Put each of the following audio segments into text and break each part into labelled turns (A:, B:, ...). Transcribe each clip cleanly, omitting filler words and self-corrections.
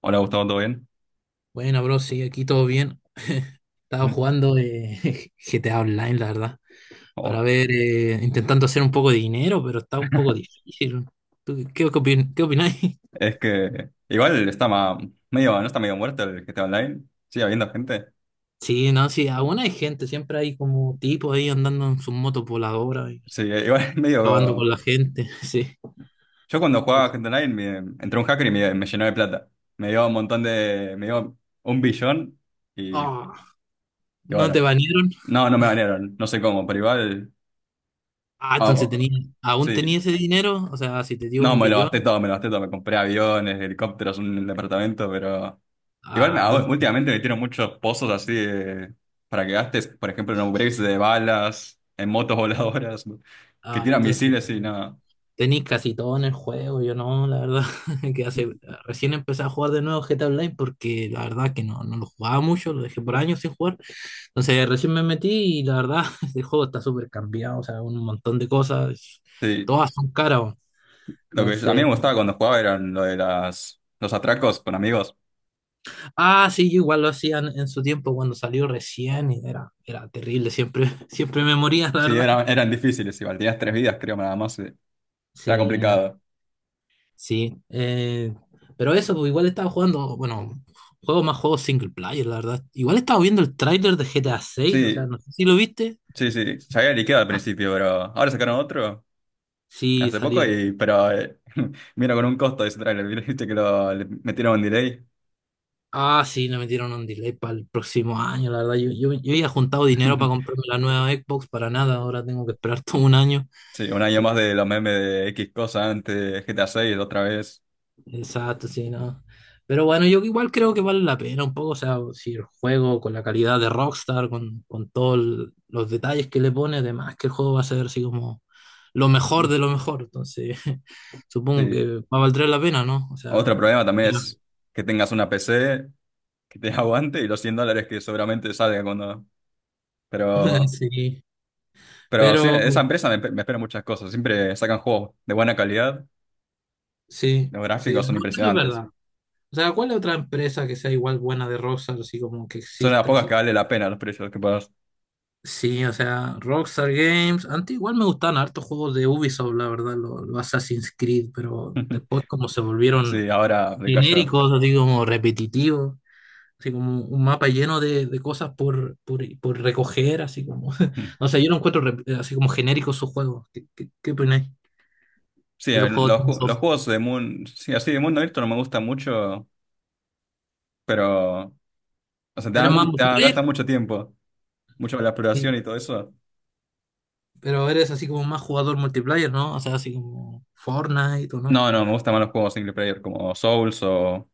A: Hola Gustavo, ¿todo bien?
B: Bueno, bro, sí, aquí todo bien. Estaba
A: Mm.
B: jugando GTA Online, la verdad, para
A: Oh,
B: ver, intentando hacer un poco de dinero, pero está un poco difícil. ¿Tú qué opináis?
A: es que igual está medio, no está medio muerto el GTA Online, sigue habiendo gente.
B: Sí, no, sí, aún hay gente, siempre hay como tipos ahí andando en sus motos voladoras y
A: Sí, igual es
B: acabando con
A: medio...
B: la gente, sí.
A: Yo cuando
B: Sí.
A: jugaba GTA Online entró un hacker y me llenó de plata. Me dio un billón y
B: Ah, ¿no
A: bueno,
B: te banearon?
A: no, no me banearon, no sé cómo, pero igual...
B: Ah,
A: Ah,
B: entonces
A: oh,
B: aún tenía
A: sí,
B: ese dinero, o sea, si te dio
A: no,
B: un
A: me lo
B: billón,
A: gasté todo, me lo gasté todo, me compré aviones, helicópteros, un departamento, pero... Igual
B: ah, entonces,
A: últimamente metieron muchos pozos para que gastes, por ejemplo, en upgrades de balas, en motos voladoras, ¿no? Que
B: ah,
A: tiran
B: entonces,
A: misiles y nada.
B: Tenéis casi todo en el juego, yo no, la verdad, que hace, recién empecé a jugar de nuevo GTA Online porque la verdad que no lo jugaba mucho, lo dejé por años sin jugar, entonces recién me metí y la verdad, este juego está súper cambiado, o sea, un montón de cosas,
A: Sí,
B: todas son caras, weón.
A: a mí
B: Entonces,
A: me gustaba cuando jugaba eran lo de los atracos con amigos.
B: ah, sí, yo igual lo hacían en su tiempo cuando salió recién y era terrible, siempre, siempre me moría, la
A: Sí,
B: verdad,
A: eran difíciles igual, tenías tres vidas creo nada más, sí. Era
B: sí, no.
A: complicado.
B: Sí, pero eso, pues igual estaba jugando, bueno, juegos single player, la verdad. Igual estaba viendo el tráiler de GTA 6, o sea,
A: Sí,
B: no sé si lo viste.
A: sí, sí, se había liqueado al
B: Ah,
A: principio, pero ahora sacaron otro
B: sí,
A: hace poco
B: salieron.
A: y, pero, vino con un costo de ese trailer, viste que lo le metieron un delay.
B: Ah, sí, le metieron un delay para el próximo año, la verdad. Yo había juntado dinero para comprarme la nueva Xbox para nada, ahora tengo que esperar todo un año.
A: Sí, un año más de los memes de X cosa antes, GTA 6 otra vez.
B: Exacto, sí, no. Pero bueno, yo igual creo que vale la pena un poco, o sea, si el juego con la calidad de Rockstar, con todos los detalles que le pone, además que el juego va a ser así como lo mejor
A: Mm.
B: de lo mejor, entonces supongo
A: Sí.
B: que va a valer la pena, ¿no? O sea,
A: Otro problema también
B: pero-
A: es que tengas una PC que te aguante y los $100 que seguramente salga cuando... Pero,
B: sí,
A: pero sí,
B: pero
A: esa empresa me espera muchas cosas. Siempre sacan juegos de buena calidad,
B: sí,
A: los
B: sí,
A: gráficos son
B: no, eso es
A: impresionantes.
B: verdad. O sea, ¿cuál es otra empresa que sea igual buena de Rockstar, así como que
A: Son las
B: exista,
A: pocas que
B: así?
A: vale la pena los precios que pagas.
B: Sí, o sea, Rockstar Games. Antes igual me gustaban hartos juegos de Ubisoft, la verdad, los Assassin's Creed, pero después como se volvieron
A: Sí, ahora decayó.
B: genéricos, así como repetitivos, así como un mapa lleno de cosas por recoger, así como...
A: Mm.
B: No sé, yo no encuentro así como genéricos sus juegos. ¿Qué opináis
A: Sí,
B: de los juegos de
A: los
B: Ubisoft?
A: juegos de mundo, sí, así de mundo abierto no me gustan mucho, pero, o sea, te
B: ¿Eres
A: dan,
B: más
A: mu- te dan-
B: multiplayer?
A: gastan mucho tiempo. Mucho la exploración
B: Sí,
A: y todo eso.
B: pero eres así como más jugador multiplayer, ¿no? O sea, así como Fortnite o no.
A: No, no, me gustan más los juegos single player como Souls o...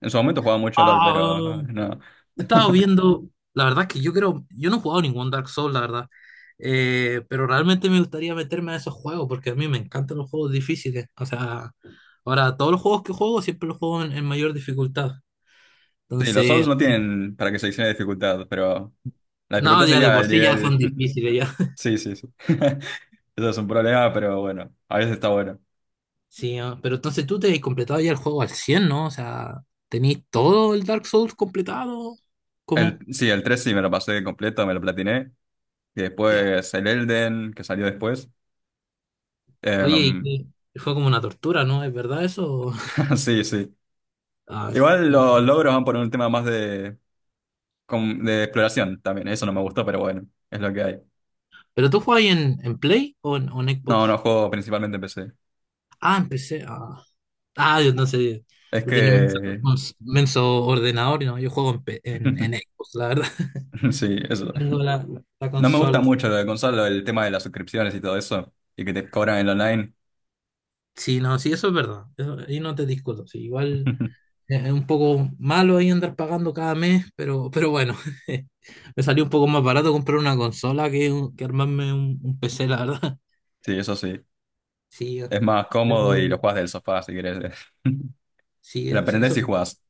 A: En su momento jugaba mucho LOL,
B: Ah.
A: pero ah, no.
B: He estado viendo, la verdad es que yo creo, yo no he jugado ningún Dark Souls, la verdad. Pero realmente me gustaría meterme a esos juegos porque a mí me encantan los juegos difíciles. O sea, ahora todos los juegos que juego siempre los juego en mayor dificultad.
A: Sí, los
B: Entonces,
A: Souls no tienen para que seleccione dificultad, pero la
B: no,
A: dificultad
B: ya de
A: sería
B: por
A: el
B: sí ya
A: nivel.
B: son difíciles ya.
A: Sí, sí, sí. Eso es un problema, pero bueno, a veces está bueno.
B: Sí, ah, pero entonces tú te has completado ya el juego al 100, ¿no? O sea, ¿tenéis todo el Dark Souls completado? ¿Cómo?
A: Sí, el 3 sí me lo pasé completo, me lo platiné. Y
B: Ya.
A: después el Elden, que salió después.
B: Oye, y
A: Em,
B: fue como una tortura, ¿no? ¿Es verdad eso?
A: sí, sí.
B: Ah.
A: Igual los logros van por un tema más de, de exploración también. Eso no me gustó, pero bueno, es lo que hay.
B: ¿Pero tú jugabas en Play o en
A: No,
B: Xbox?
A: no juego principalmente en PC.
B: Ah, empecé. Yo no sé.
A: Es
B: Tú tenías menso,
A: que...
B: menso ordenador, ¿no? Yo juego en Xbox, la verdad.
A: Sí, eso.
B: Tengo la
A: No me gusta
B: consola.
A: mucho lo de consola, el tema de las suscripciones y todo eso, y que te cobran el online.
B: Sí, no, sí, eso es verdad. Eso, ahí no te discuto. Sí, igual es un poco malo ahí andar pagando cada mes, pero bueno, me salió un poco más barato comprar una consola que armarme un PC, la verdad.
A: Sí, eso sí.
B: Sí,
A: Es más
B: pero,
A: cómodo y lo jugás del sofá si querés.
B: sí,
A: Lo
B: sí,
A: aprendés
B: eso.
A: y jugás.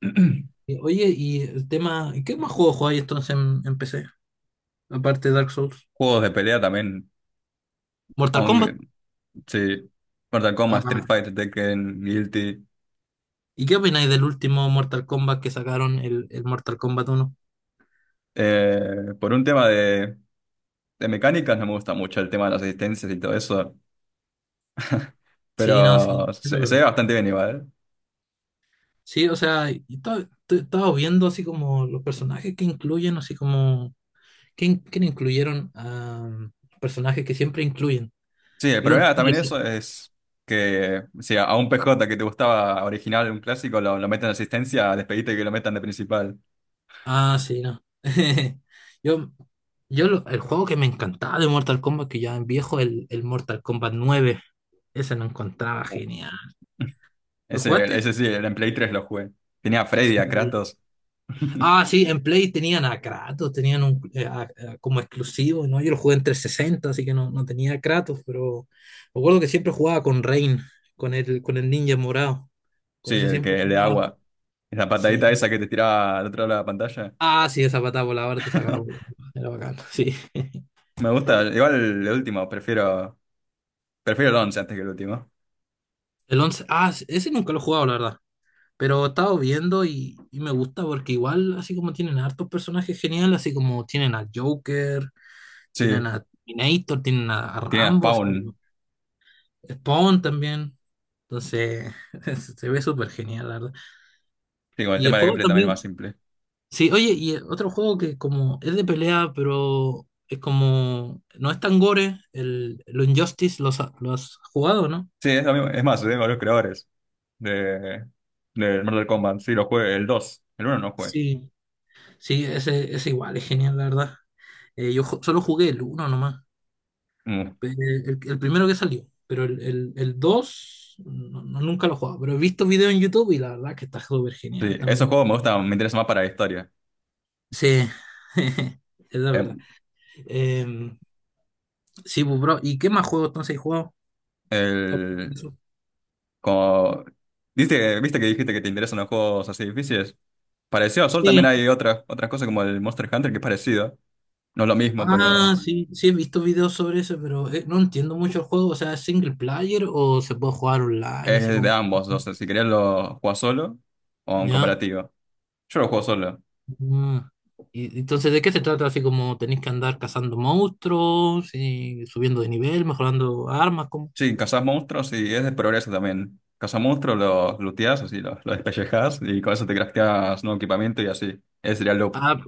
B: Oye, y el tema, ¿qué más juegos jugáis entonces en PC? Aparte de Dark Souls.
A: Juegos de pelea también,
B: Mortal Kombat.
A: aunque... Sí. Mortal Kombat,
B: Ah,
A: Street Fighter, Tekken, Guilty.
B: ¿y qué opináis del último Mortal Kombat que sacaron, el Mortal Kombat 1?
A: Por un tema de, mecánicas no me gusta mucho el tema de las asistencias y todo eso.
B: Sí, no,
A: Pero
B: sí, eso es
A: se ve
B: verdad.
A: bastante bien igual, ¿eh?
B: Sí, o sea, y estaba viendo así como los personajes que incluyen, así como, ¿quién incluyeron? Ah, personajes que siempre incluyen.
A: Sí, el
B: Vi un
A: problema
B: tráiler,
A: también eso
B: sí.
A: es que si a, un PJ que te gustaba original, un clásico, lo meten de asistencia, despediste que lo metan de principal.
B: Ah, sí, no. Yo, yo, el juego que me encantaba de Mortal Kombat, que ya es viejo, el Mortal Kombat 9. Ese lo encontraba genial. ¿Lo
A: Ese,
B: jugaste?
A: ese sí, el en Play 3 lo jugué. Tenía a Freddy, a
B: Sí.
A: Kratos.
B: Ah, sí, en Play tenían a Kratos, tenían como exclusivo, ¿no? Yo lo jugué en 360 así que no, tenía a Kratos, pero me acuerdo que siempre jugaba con Rain, con el ninja morado. Con
A: Sí,
B: ese
A: el
B: siempre
A: que, el de
B: jugaba.
A: agua. La
B: Sí.
A: patadita esa que te tiraba al otro lado de la pantalla.
B: Ah, sí, esa patada voladora te sacaba volando. Era bacán, sí.
A: Me gusta. Igual el último, prefiero. Prefiero el 11 antes que el último.
B: El 11, ah, ese nunca lo he jugado, la verdad. Pero he estado viendo y, me gusta porque igual, así como tienen hartos personajes geniales, así como tienen al Joker,
A: Sí,
B: tienen a Terminator, tienen a
A: tiene a
B: Rambo,
A: Spawn.
B: Spawn también. Entonces, se ve súper genial, la verdad.
A: Sí, con el
B: Y el
A: tema del
B: juego
A: gameplay también es más
B: también,
A: simple.
B: sí, oye, y otro juego que como es de pelea, pero es como, no es tan gore, el Injustice, ¿lo has jugado, no?
A: Sí, es lo mismo. Es más, tengo los creadores. de, del Mortal Kombat. Sí, lo jugué, el dos. El uno no jugué.
B: Sí, sí, ese igual, es genial, la verdad. Yo solo jugué el 1 nomás.
A: Mm.
B: Eh, el primero que salió, pero el 2 nunca lo he jugado, pero he visto videos en YouTube y la verdad que está súper genial
A: Sí, esos
B: también.
A: juegos me gustan, me interesan más para la historia.
B: Sí, es la verdad.
A: Em,
B: Eh, sí, pues, bro, ¿y qué más juegos entonces he jugado?
A: el, como, ¿viste, que dijiste que te interesan los juegos así difíciles? Parecido a Sol también
B: Sí,
A: hay otras cosas como el Monster Hunter que es parecido. No es lo mismo, pero
B: ah, sí, sí, he visto videos sobre eso, pero no entiendo mucho el juego, o sea, ¿es single player o se puede jugar online así
A: es de
B: como...
A: ambos. O sea, si querías lo juegas solo o en
B: ¿Ya?
A: cooperativo. Yo lo juego solo.
B: Ah, y entonces, ¿de qué se trata? Así como tenéis que andar cazando monstruos y subiendo de nivel, mejorando armas, como...
A: Sí, cazas monstruos y es de progreso también. Cazas monstruos, los looteas, así, los despellejas y con eso te crafteas nuevo equipamiento y así. Ese sería el loop.
B: Ah,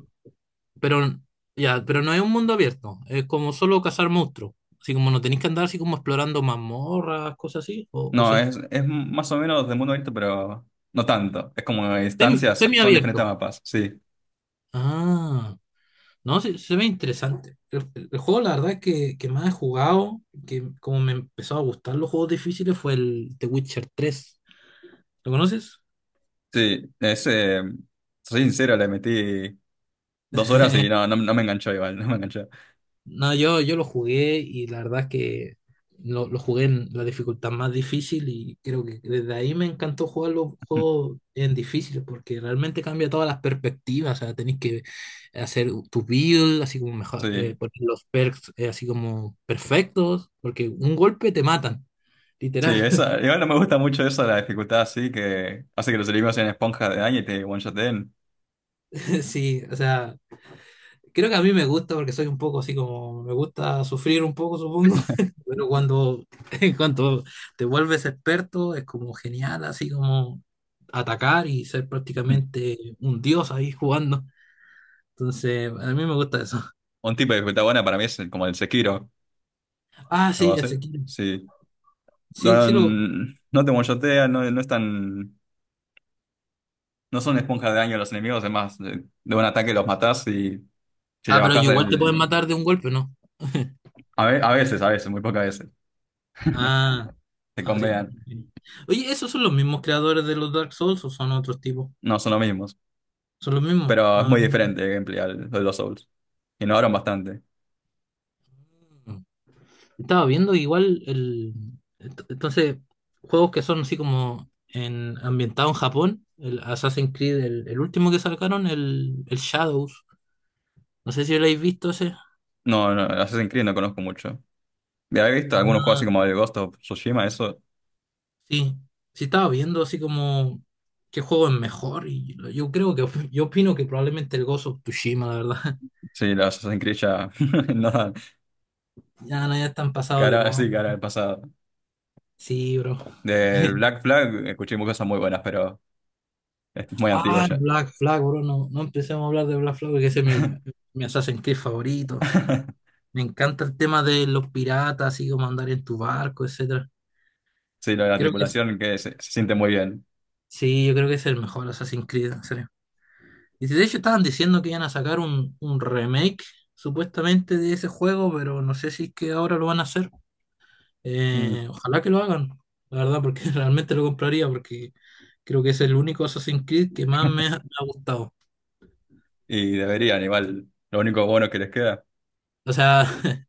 B: pero ya, pero no es un mundo abierto, es como solo cazar monstruos. Así como no tenéis que andar así como explorando mazmorras, cosas así, o
A: No,
B: sí.
A: es más o menos de mundo abierto, pero no tanto. Es como instancias,
B: Semi
A: son diferentes
B: abierto.
A: mapas, sí.
B: Ah, no, se ve interesante. El juego, la verdad es que más he jugado, que como me empezó a gustar los juegos difíciles, fue el The Witcher 3. ¿Lo conoces?
A: Sí, soy sincero, le metí 2 horas y no, no, no me enganchó igual, no me enganchó.
B: No, yo lo jugué y la verdad es que lo jugué en la dificultad más difícil y creo que desde ahí me encantó jugar los juegos en difíciles porque realmente cambia todas las perspectivas, o sea, tenés que hacer tu build, así como mejor,
A: Sí,
B: poner los perks así como perfectos, porque un golpe te matan,
A: sí,
B: literal,
A: esa, igual no me gusta mucho eso, la dificultad así que hace que los enemigos sean esponjas de daño y te one-shoten.
B: sí, o sea, creo que a mí me gusta porque soy un poco así como, me gusta sufrir un poco, supongo, pero cuando, cuando te vuelves experto es como genial, así como atacar y ser prácticamente un dios ahí jugando. Entonces, a mí me gusta eso.
A: Un tipo de dificultad buena para mí es como el Sekiro.
B: Ah,
A: Lo va
B: sí,
A: a
B: el
A: hacer.
B: Sekiro.
A: Sí.
B: Sí,
A: No,
B: sí lo...
A: no te mochotea, no, no es no son esponjas de daño los enemigos, es más, de un ataque los matás y si le
B: Ah, pero
A: bajás
B: igual te pueden
A: el...
B: matar de un golpe, ¿no?
A: A veces, a veces, muy pocas veces,
B: Ah,
A: te
B: sí.
A: convean.
B: Oye, ¿esos son los mismos creadores de los Dark Souls o son otros tipos?
A: No son los mismos,
B: Son los mismos.
A: pero es
B: Ah.
A: muy diferente el gameplay de los Souls. Innovaron bastante.
B: Estaba viendo igual el. Entonces, juegos que son así como ambientados en Japón, el Assassin's Creed, el último que sacaron, el Shadows. No sé si lo habéis visto ese.
A: No, no, el Assassin's Creed no conozco mucho. De haber visto algunos
B: Ah,
A: juegos así como el Ghost of Tsushima, eso,
B: sí. Sí, estaba viendo así como qué juego es mejor. Y yo creo que yo opino que probablemente el Ghost of Tsushima, la verdad.
A: sí, el Assassin's Creed ya no dan
B: Ya, no, ya están pasados de
A: cara,
B: moda.
A: sí cara al pasado.
B: Sí, bro.
A: Del Black Flag escuché muchas cosas muy buenas, pero es muy antiguo
B: Ah,
A: ya.
B: Black Flag, bro. No, no empecemos a hablar de Black Flag, porque ese es mi Assassin's Creed favorito. Me encanta el tema de los piratas, así como andar en tu barco, etcétera.
A: Sí, lo de la
B: Creo que
A: tripulación que se siente muy bien.
B: sí, yo creo que es el mejor Assassin's Creed, en serio. Y de hecho estaban diciendo que iban a sacar un remake, supuestamente, de ese juego, pero no sé si es que ahora lo van a hacer.
A: Mm.
B: Ojalá que lo hagan, la verdad, porque realmente lo compraría, porque creo que es el único Assassin's Creed que más me ha gustado.
A: Y deberían, igual. Lo único bueno que les queda.
B: O sea,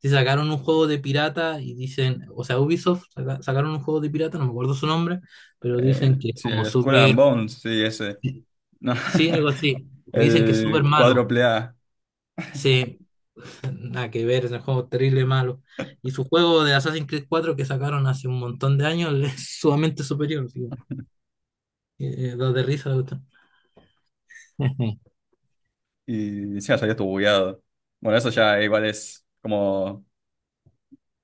B: si sacaron un juego de pirata y dicen, o sea, Ubisoft sacaron un juego de pirata, no me acuerdo su nombre, pero
A: Eh,
B: dicen que es
A: sí,
B: como
A: el Skull and
B: súper.
A: Bones, sí, ese. No.
B: Sí, algo así. Dicen que es súper
A: El
B: malo.
A: cuádruple A.
B: Sí, nada que ver, es un juego terrible malo. Y su juego de Assassin's Creed 4 que sacaron hace un montón de años es sumamente superior. Así que, da de risa la cuestión.
A: Y ya salió tu bugueado. Bueno, eso ya igual es como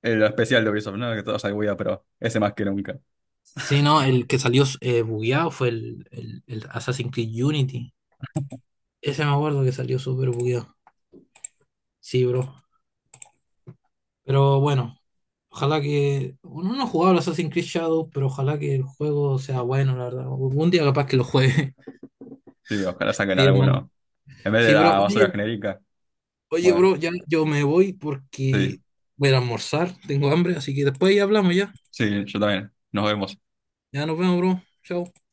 A: el especial de Ubisoft, ¿no? Que todo sale bugueado, pero ese más que nunca.
B: Sí, no, el que salió bugueado fue el Assassin's Creed Unity. Ese me acuerdo que salió súper bugueado. Sí, bro. Pero bueno, ojalá que. Uno no ha jugado al Assassin's Creed Shadow, pero ojalá que el juego sea bueno, la verdad. Algún día capaz que lo juegue.
A: Sí, ojalá saquen
B: Sí, hermano.
A: alguno. En vez de
B: Sí, bro.
A: la basura
B: Oye,
A: genérica.
B: Oye,
A: Bueno,
B: bro, ya yo me voy
A: sí,
B: porque voy a ir a almorzar, tengo hambre, así que después ya hablamos ya.
A: sí, yo también. Nos vemos.
B: Ya nos vemos, bro. Chao.